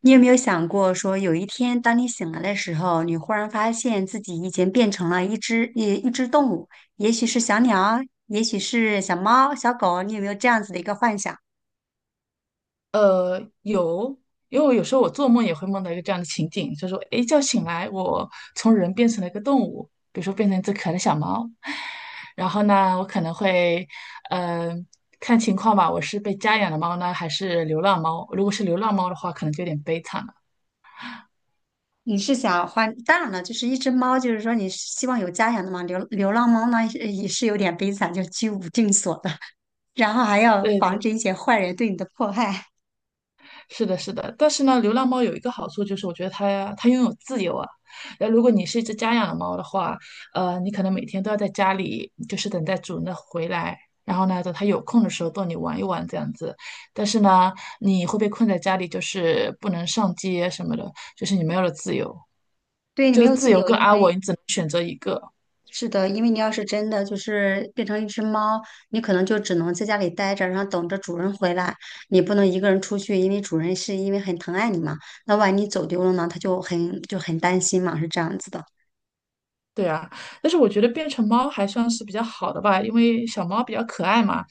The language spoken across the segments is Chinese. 你有没有想过，说有一天当你醒来的时候，你忽然发现自己已经变成了一只动物，也许是小鸟，也许是小猫、小狗，你有没有这样子的一个幻想？有，因为我有时候我做梦也会梦到一个这样的情景，就是说，一觉醒来，我从人变成了一个动物，比如说变成一只可爱的小猫。然后呢，我可能会，嗯，看情况吧，我是被家养的猫呢，还是流浪猫？如果是流浪猫的话，可能就有点悲惨了。你是想换？当然了，就是一只猫，就是说你是希望有家养的嘛。流浪猫呢，也是有点悲惨，就居无定所的，然后还要对防对，止一些坏人对你的迫害。是的，是的，但是呢，流浪猫有一个好处就是，我觉得它拥有自由啊。那如果你是一只家养的猫的话，你可能每天都要在家里，就是等待主人的回来，然后呢，等它有空的时候逗你玩一玩这样子。但是呢，你会被困在家里，就是不能上街什么的，就是你没有了自由，对，你就没是有自自由由，跟因安为稳，你只能选择一个。是的，因为你要是真的就是变成一只猫，你可能就只能在家里待着，然后等着主人回来。你不能一个人出去，因为主人是因为很疼爱你嘛。那万一你走丢了呢，他就很担心嘛，是这样子的。对啊，但是我觉得变成猫还算是比较好的吧，因为小猫比较可爱嘛。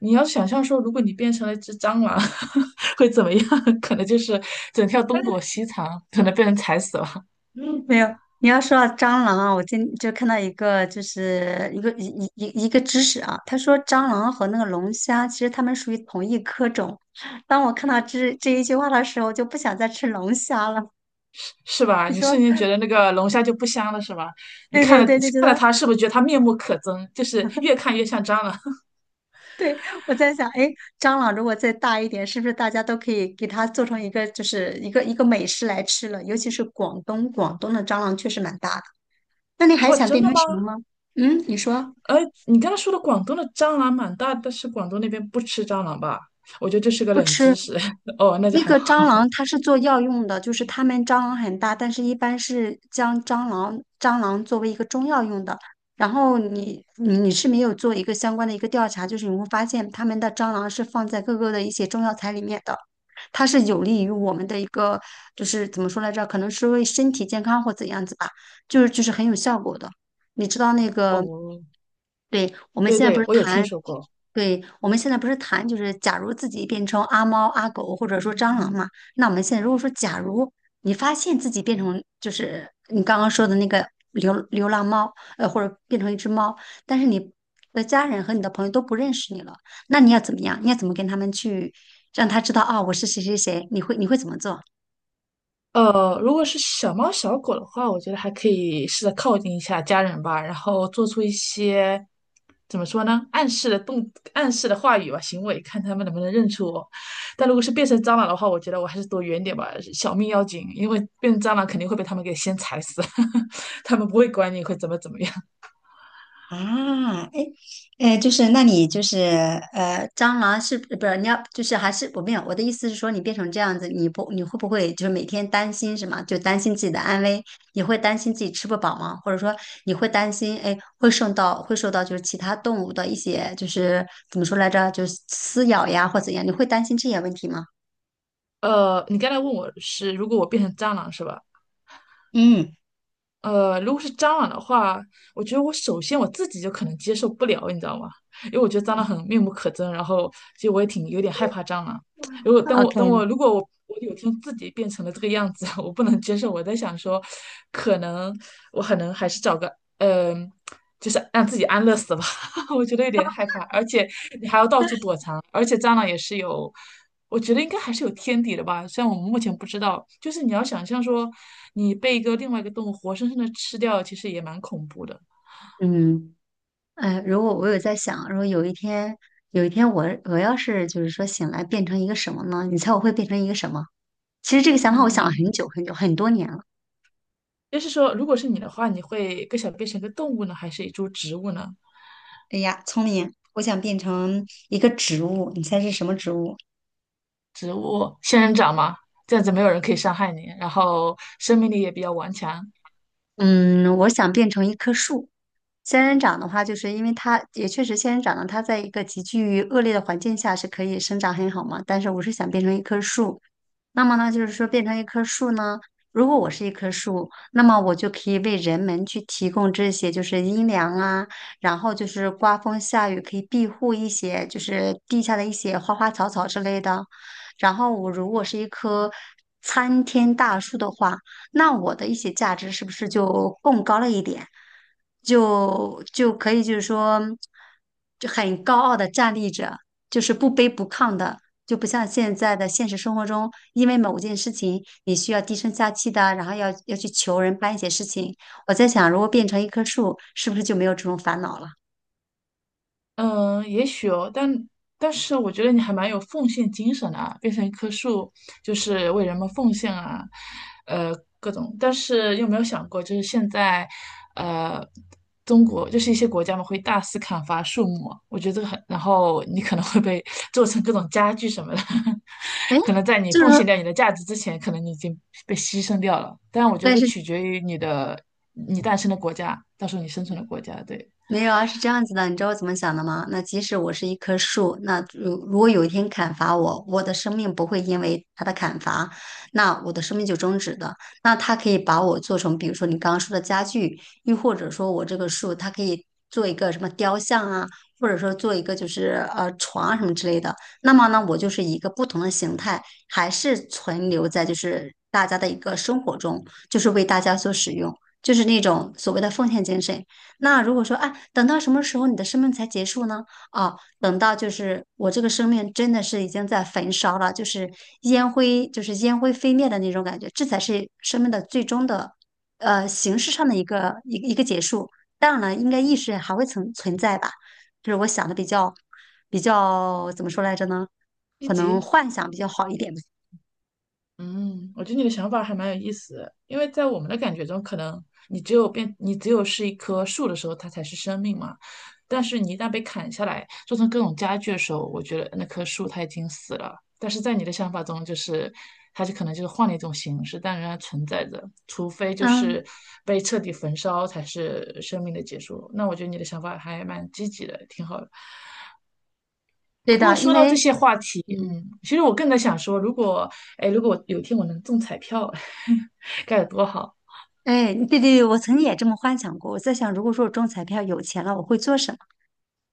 你要想象说，如果你变成了一只蟑螂，会怎么样？可能就是整天要东躲西藏，可能被人踩死了，嗯没有，你要说到蟑螂啊，我今就看到一个就是一个一一一一个知识啊，他说蟑螂和那个龙虾其实它们属于同一科种。当我看到这一句话的时候，就不想再吃龙虾了。是吧？你你说瞬间觉得那个龙虾就不香了，是吧？你对看对了对，就觉看了得。它，是不是觉得它面目可憎？就是越看越像蟑螂。对，我在想，哎，蟑螂如果再大一点，是不是大家都可以给它做成一个，就是一个美食来吃了？尤其是广东，广东的蟑螂确实蛮大的。那你还哇，想真的变成什吗？么吗？嗯，你说哎，你刚才说的广东的蟑螂蛮大，但是广东那边不吃蟑螂吧？我觉得这是个不冷吃。知识。哦，那就那还个蟑好。螂它是做药用的，就是他们蟑螂很大，但是一般是将蟑螂作为一个中药用的。然后你是没有做一个相关的一个调查，就是你会发现他们的蟑螂是放在各个的一些中药材里面的，它是有利于我们的一个就是怎么说来着，可能是为身体健康或怎样子吧，就是很有效果的。你知道那个，哦，对，我们对现在不对，是我有听谈，说过。对，我们现在不是谈，就是假如自己变成阿猫、阿狗或者说蟑螂嘛，那我们现在如果说假如你发现自己变成就是你刚刚说的那个流浪猫，或者变成一只猫，但是你的家人和你的朋友都不认识你了，那你要怎么样？你要怎么跟他们去让他知道啊，我是谁谁谁？你会怎么做？如果是小猫小狗的话，我觉得还可以试着靠近一下家人吧，然后做出一些怎么说呢，暗示的话语吧，行为，看他们能不能认出我。但如果是变成蟑螂的话，我觉得我还是躲远点吧，小命要紧，因为变成蟑螂肯定会被他们给先踩死，他们不会管你会怎么怎么样。啊，哎，哎，就是那你就是蟑螂是不是你要就是还是我没有我的意思是说，你变成这样子，你会不会就是每天担心什么？就担心自己的安危，你会担心自己吃不饱吗？或者说你会担心哎会受到就是其他动物的一些就是怎么说来着，就是撕咬呀或怎样，你会担心这些问题吗？你刚才问我是，如果我变成蟑螂是吧？嗯如果是蟑螂的话，我觉得我首先自己就可能接受不了，你知道吗？因为我觉得蟑螂很面目可憎，然后其实我也挺有点害怕蟑螂。如果等我等，OK,我如果我我有天自己变成了这个样子，我不能接受。我在想说，可能我可能还是找个嗯、呃就是让自己安乐死吧。我觉得有点害怕，而且你还要到处躲藏，而且蟑螂也是有，我觉得应该还是有天敌的吧，虽然我们目前不知道，就是你要想象说，你被另外一个动物活生生的吃掉，其实也蛮恐怖的。嗯。哎，如果我有在想，如果有一天，有一天我要是就是说醒来变成一个什么呢？你猜我会变成一个什么？其实这个想法我想了嗯，很久很多年了。就是说，如果是你的话，你会更想变成一个动物呢，还是一株植物呢？哎呀，聪明！我想变成一个植物，你猜是什么植物？仙人掌嘛，这样子没有人可以伤害你，然后生命力也比较顽强。嗯，我想变成一棵树。仙人掌的话，就是因为它也确实仙人掌呢，它在一个极具恶劣的环境下是可以生长很好嘛。但是我是想变成一棵树，那么呢，就是说变成一棵树呢，如果我是一棵树，那么我就可以为人们去提供这些，就是阴凉啊，然后就是刮风下雨可以庇护一些，就是地下的一些花花草草之类的。然后我如果是一棵参天大树的话，那我的一些价值是不是就更高了一点？就可以就是说，就很高傲的站立着，就是不卑不亢的。就不像现在的现实生活中，因为某件事情你需要低声下气的，然后要去求人办一些事情。我在想，如果变成一棵树，是不是就没有这种烦恼了？嗯，也许哦，但是我觉得你还蛮有奉献精神的啊，变成一棵树就是为人们奉献啊，呃，各种。但是有没有想过，就是现在，呃，中国就是一些国家嘛，会大肆砍伐树木啊我觉得这个很，然后你可能会被 做成各种家具什么的，哎，可能在你就是奉献掉你的价值之前，可能你已经被牺牲掉了。但我觉但得是取决于你诞生的国家，到时候你生存的国家，对。没有啊，是这样子的，你知道我怎么想的吗？那即使我是一棵树，那如果有一天砍伐我，我的生命不会因为它的砍伐，那我的生命就终止的。那它可以把我做成，比如说你刚刚说的家具，又或者说我这个树，它可以做一个什么雕像啊，或者说做一个就是床啊什么之类的。那么呢，我就是一个不同的形态，还是存留在就是大家的一个生活中，就是为大家所使用，就是那种所谓的奉献精神。那如果说，哎，等到什么时候你的生命才结束呢？哦，等到就是我这个生命真的是已经在焚烧了，就是烟灰，就是烟灰飞灭的那种感觉，这才是生命的最终的，形式上的一个结束。当然了，应该意识还会存在吧，就是我想的比较怎么说来着呢？一可能级。幻想比较好一点吧。嗯，我觉得你的想法还蛮有意思的，因为在我们的感觉中，可能你只有是一棵树的时候，它才是生命嘛。但是你一旦被砍下来，做成各种家具的时候，我觉得那棵树它已经死了。但是在你的想法中，它就可能就是换了一种形式，但仍然存在着，除非就嗯，是被彻底焚烧才是生命的结束。那我觉得你的想法还蛮积极的，挺好的。对不过的，因说到这为些话题，嗯，嗯，其实我更在想说，如果，哎，如果有一天我能中彩票，该有多好。哎，对对对，我曾经也这么幻想过。我在想，如果说我中彩票有钱了，我会做什么？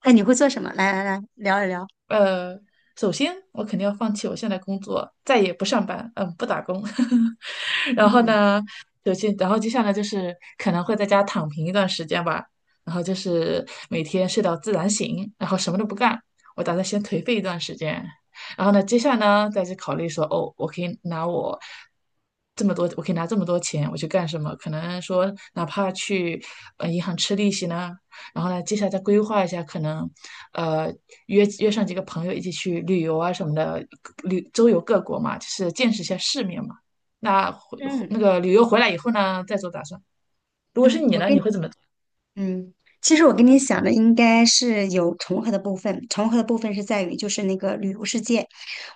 哎，你会做什么？来来来，聊一聊。呃，首先我肯定要放弃我现在工作，再也不上班，嗯，不打工。然后嗯呢，首先，然后接下来就是可能会在家躺平一段时间吧，然后就是每天睡到自然醒，然后什么都不干。我打算先颓废一段时间，然后呢，接下来呢，再去考虑说，哦，我可以拿这么多钱，我去干什么？可能说，哪怕去银行吃利息呢，然后呢，接下来再规划一下，可能呃约上几个朋友一起去旅游啊什么的，周游各国嘛，就是见识一下世面嘛。那回嗯那个旅游回来以后呢，再做打算。如果是嗯，你我呢，跟你会你。怎么做？嗯，其实我跟你想的应该是有重合的部分，重合的部分是在于就是那个旅游世界。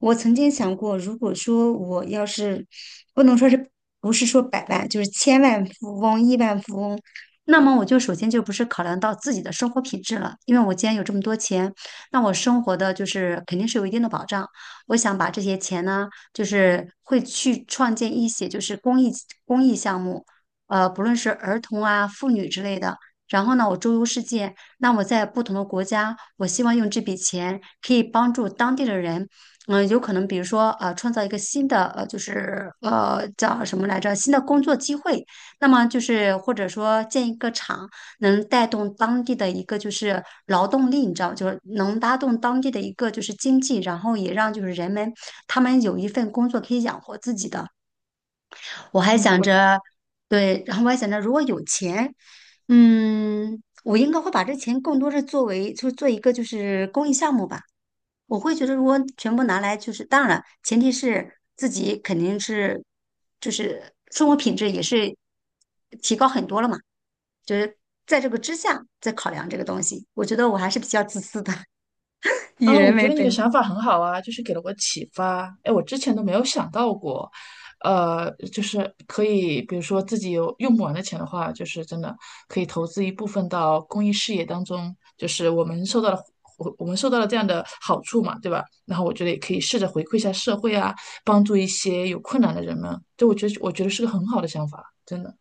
我曾经想过，如果说我要是不能说是不是说百万，就是千万富翁、亿万富翁，那么我就首先就不是考量到自己的生活品质了，因为我既然有这么多钱，那我生活的就是肯定是有一定的保障。我想把这些钱呢，就是会去创建一些就是公益项目，不论是儿童啊、妇女之类的。然后呢，我周游世界，那我在不同的国家，我希望用这笔钱可以帮助当地的人，嗯，有可能比如说创造一个新的就是叫什么来着，新的工作机会，那么就是或者说建一个厂，能带动当地的一个就是劳动力，你知道，就是能拉动当地的一个就是经济，然后也让就是人们他们有一份工作可以养活自己的。我还想嗯。着，对，然后我还想着，如果有钱，嗯，我应该会把这钱更多是作为，就是做一个就是公益项目吧。我会觉得，如果全部拿来，就是当然，了，前提是自己肯定是，就是生活品质也是提高很多了嘛。就是在这个之下再考量这个东西，我觉得我还是比较自私的，以啊，我人觉为得你本。的想法很好啊，就是给了我启发。哎，我之前都没有想到过，就是可以，比如说自己有用不完的钱的话，就是真的可以投资一部分到公益事业当中，就是我们受到了这样的好处嘛，对吧？然后我觉得也可以试着回馈一下社会啊，帮助一些有困难的人们。就我觉得是个很好的想法，真的。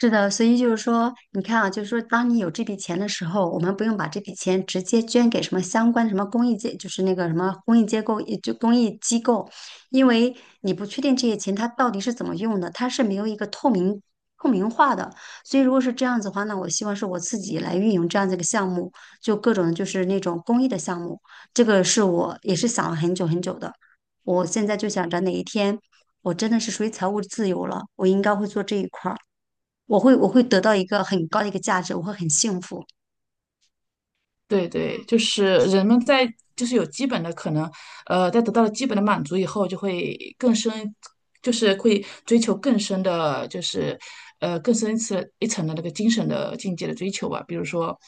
是的，所以就是说，你看啊，就是说，当你有这笔钱的时候，我们不用把这笔钱直接捐给什么相关什么公益界，就是那个什么公益机构，也就公益机构，因为你不确定这些钱它到底是怎么用的，它是没有一个透明化的。所以如果是这样子的话，那我希望是我自己来运营这样子一个项目，就各种就是那种公益的项目，这个是我也是想了很久的。我现在就想着哪一天我真的是属于财务自由了，我应该会做这一块儿。我会得到一个很高的一个价值，我会很幸福。对对，就是人们在就是有基本的可能，在得到了基本的满足以后，就会更深，就是会追求更深的，就是更深一层的那个精神的境界的追求吧。比如说，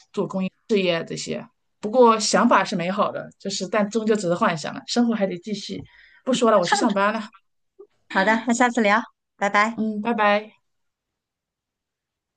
不过想法是美好的，就是但终究只是幻想了，生活还得继续。不说了，我去上班了，好的，那下次聊，拜拜。嗯，拜拜。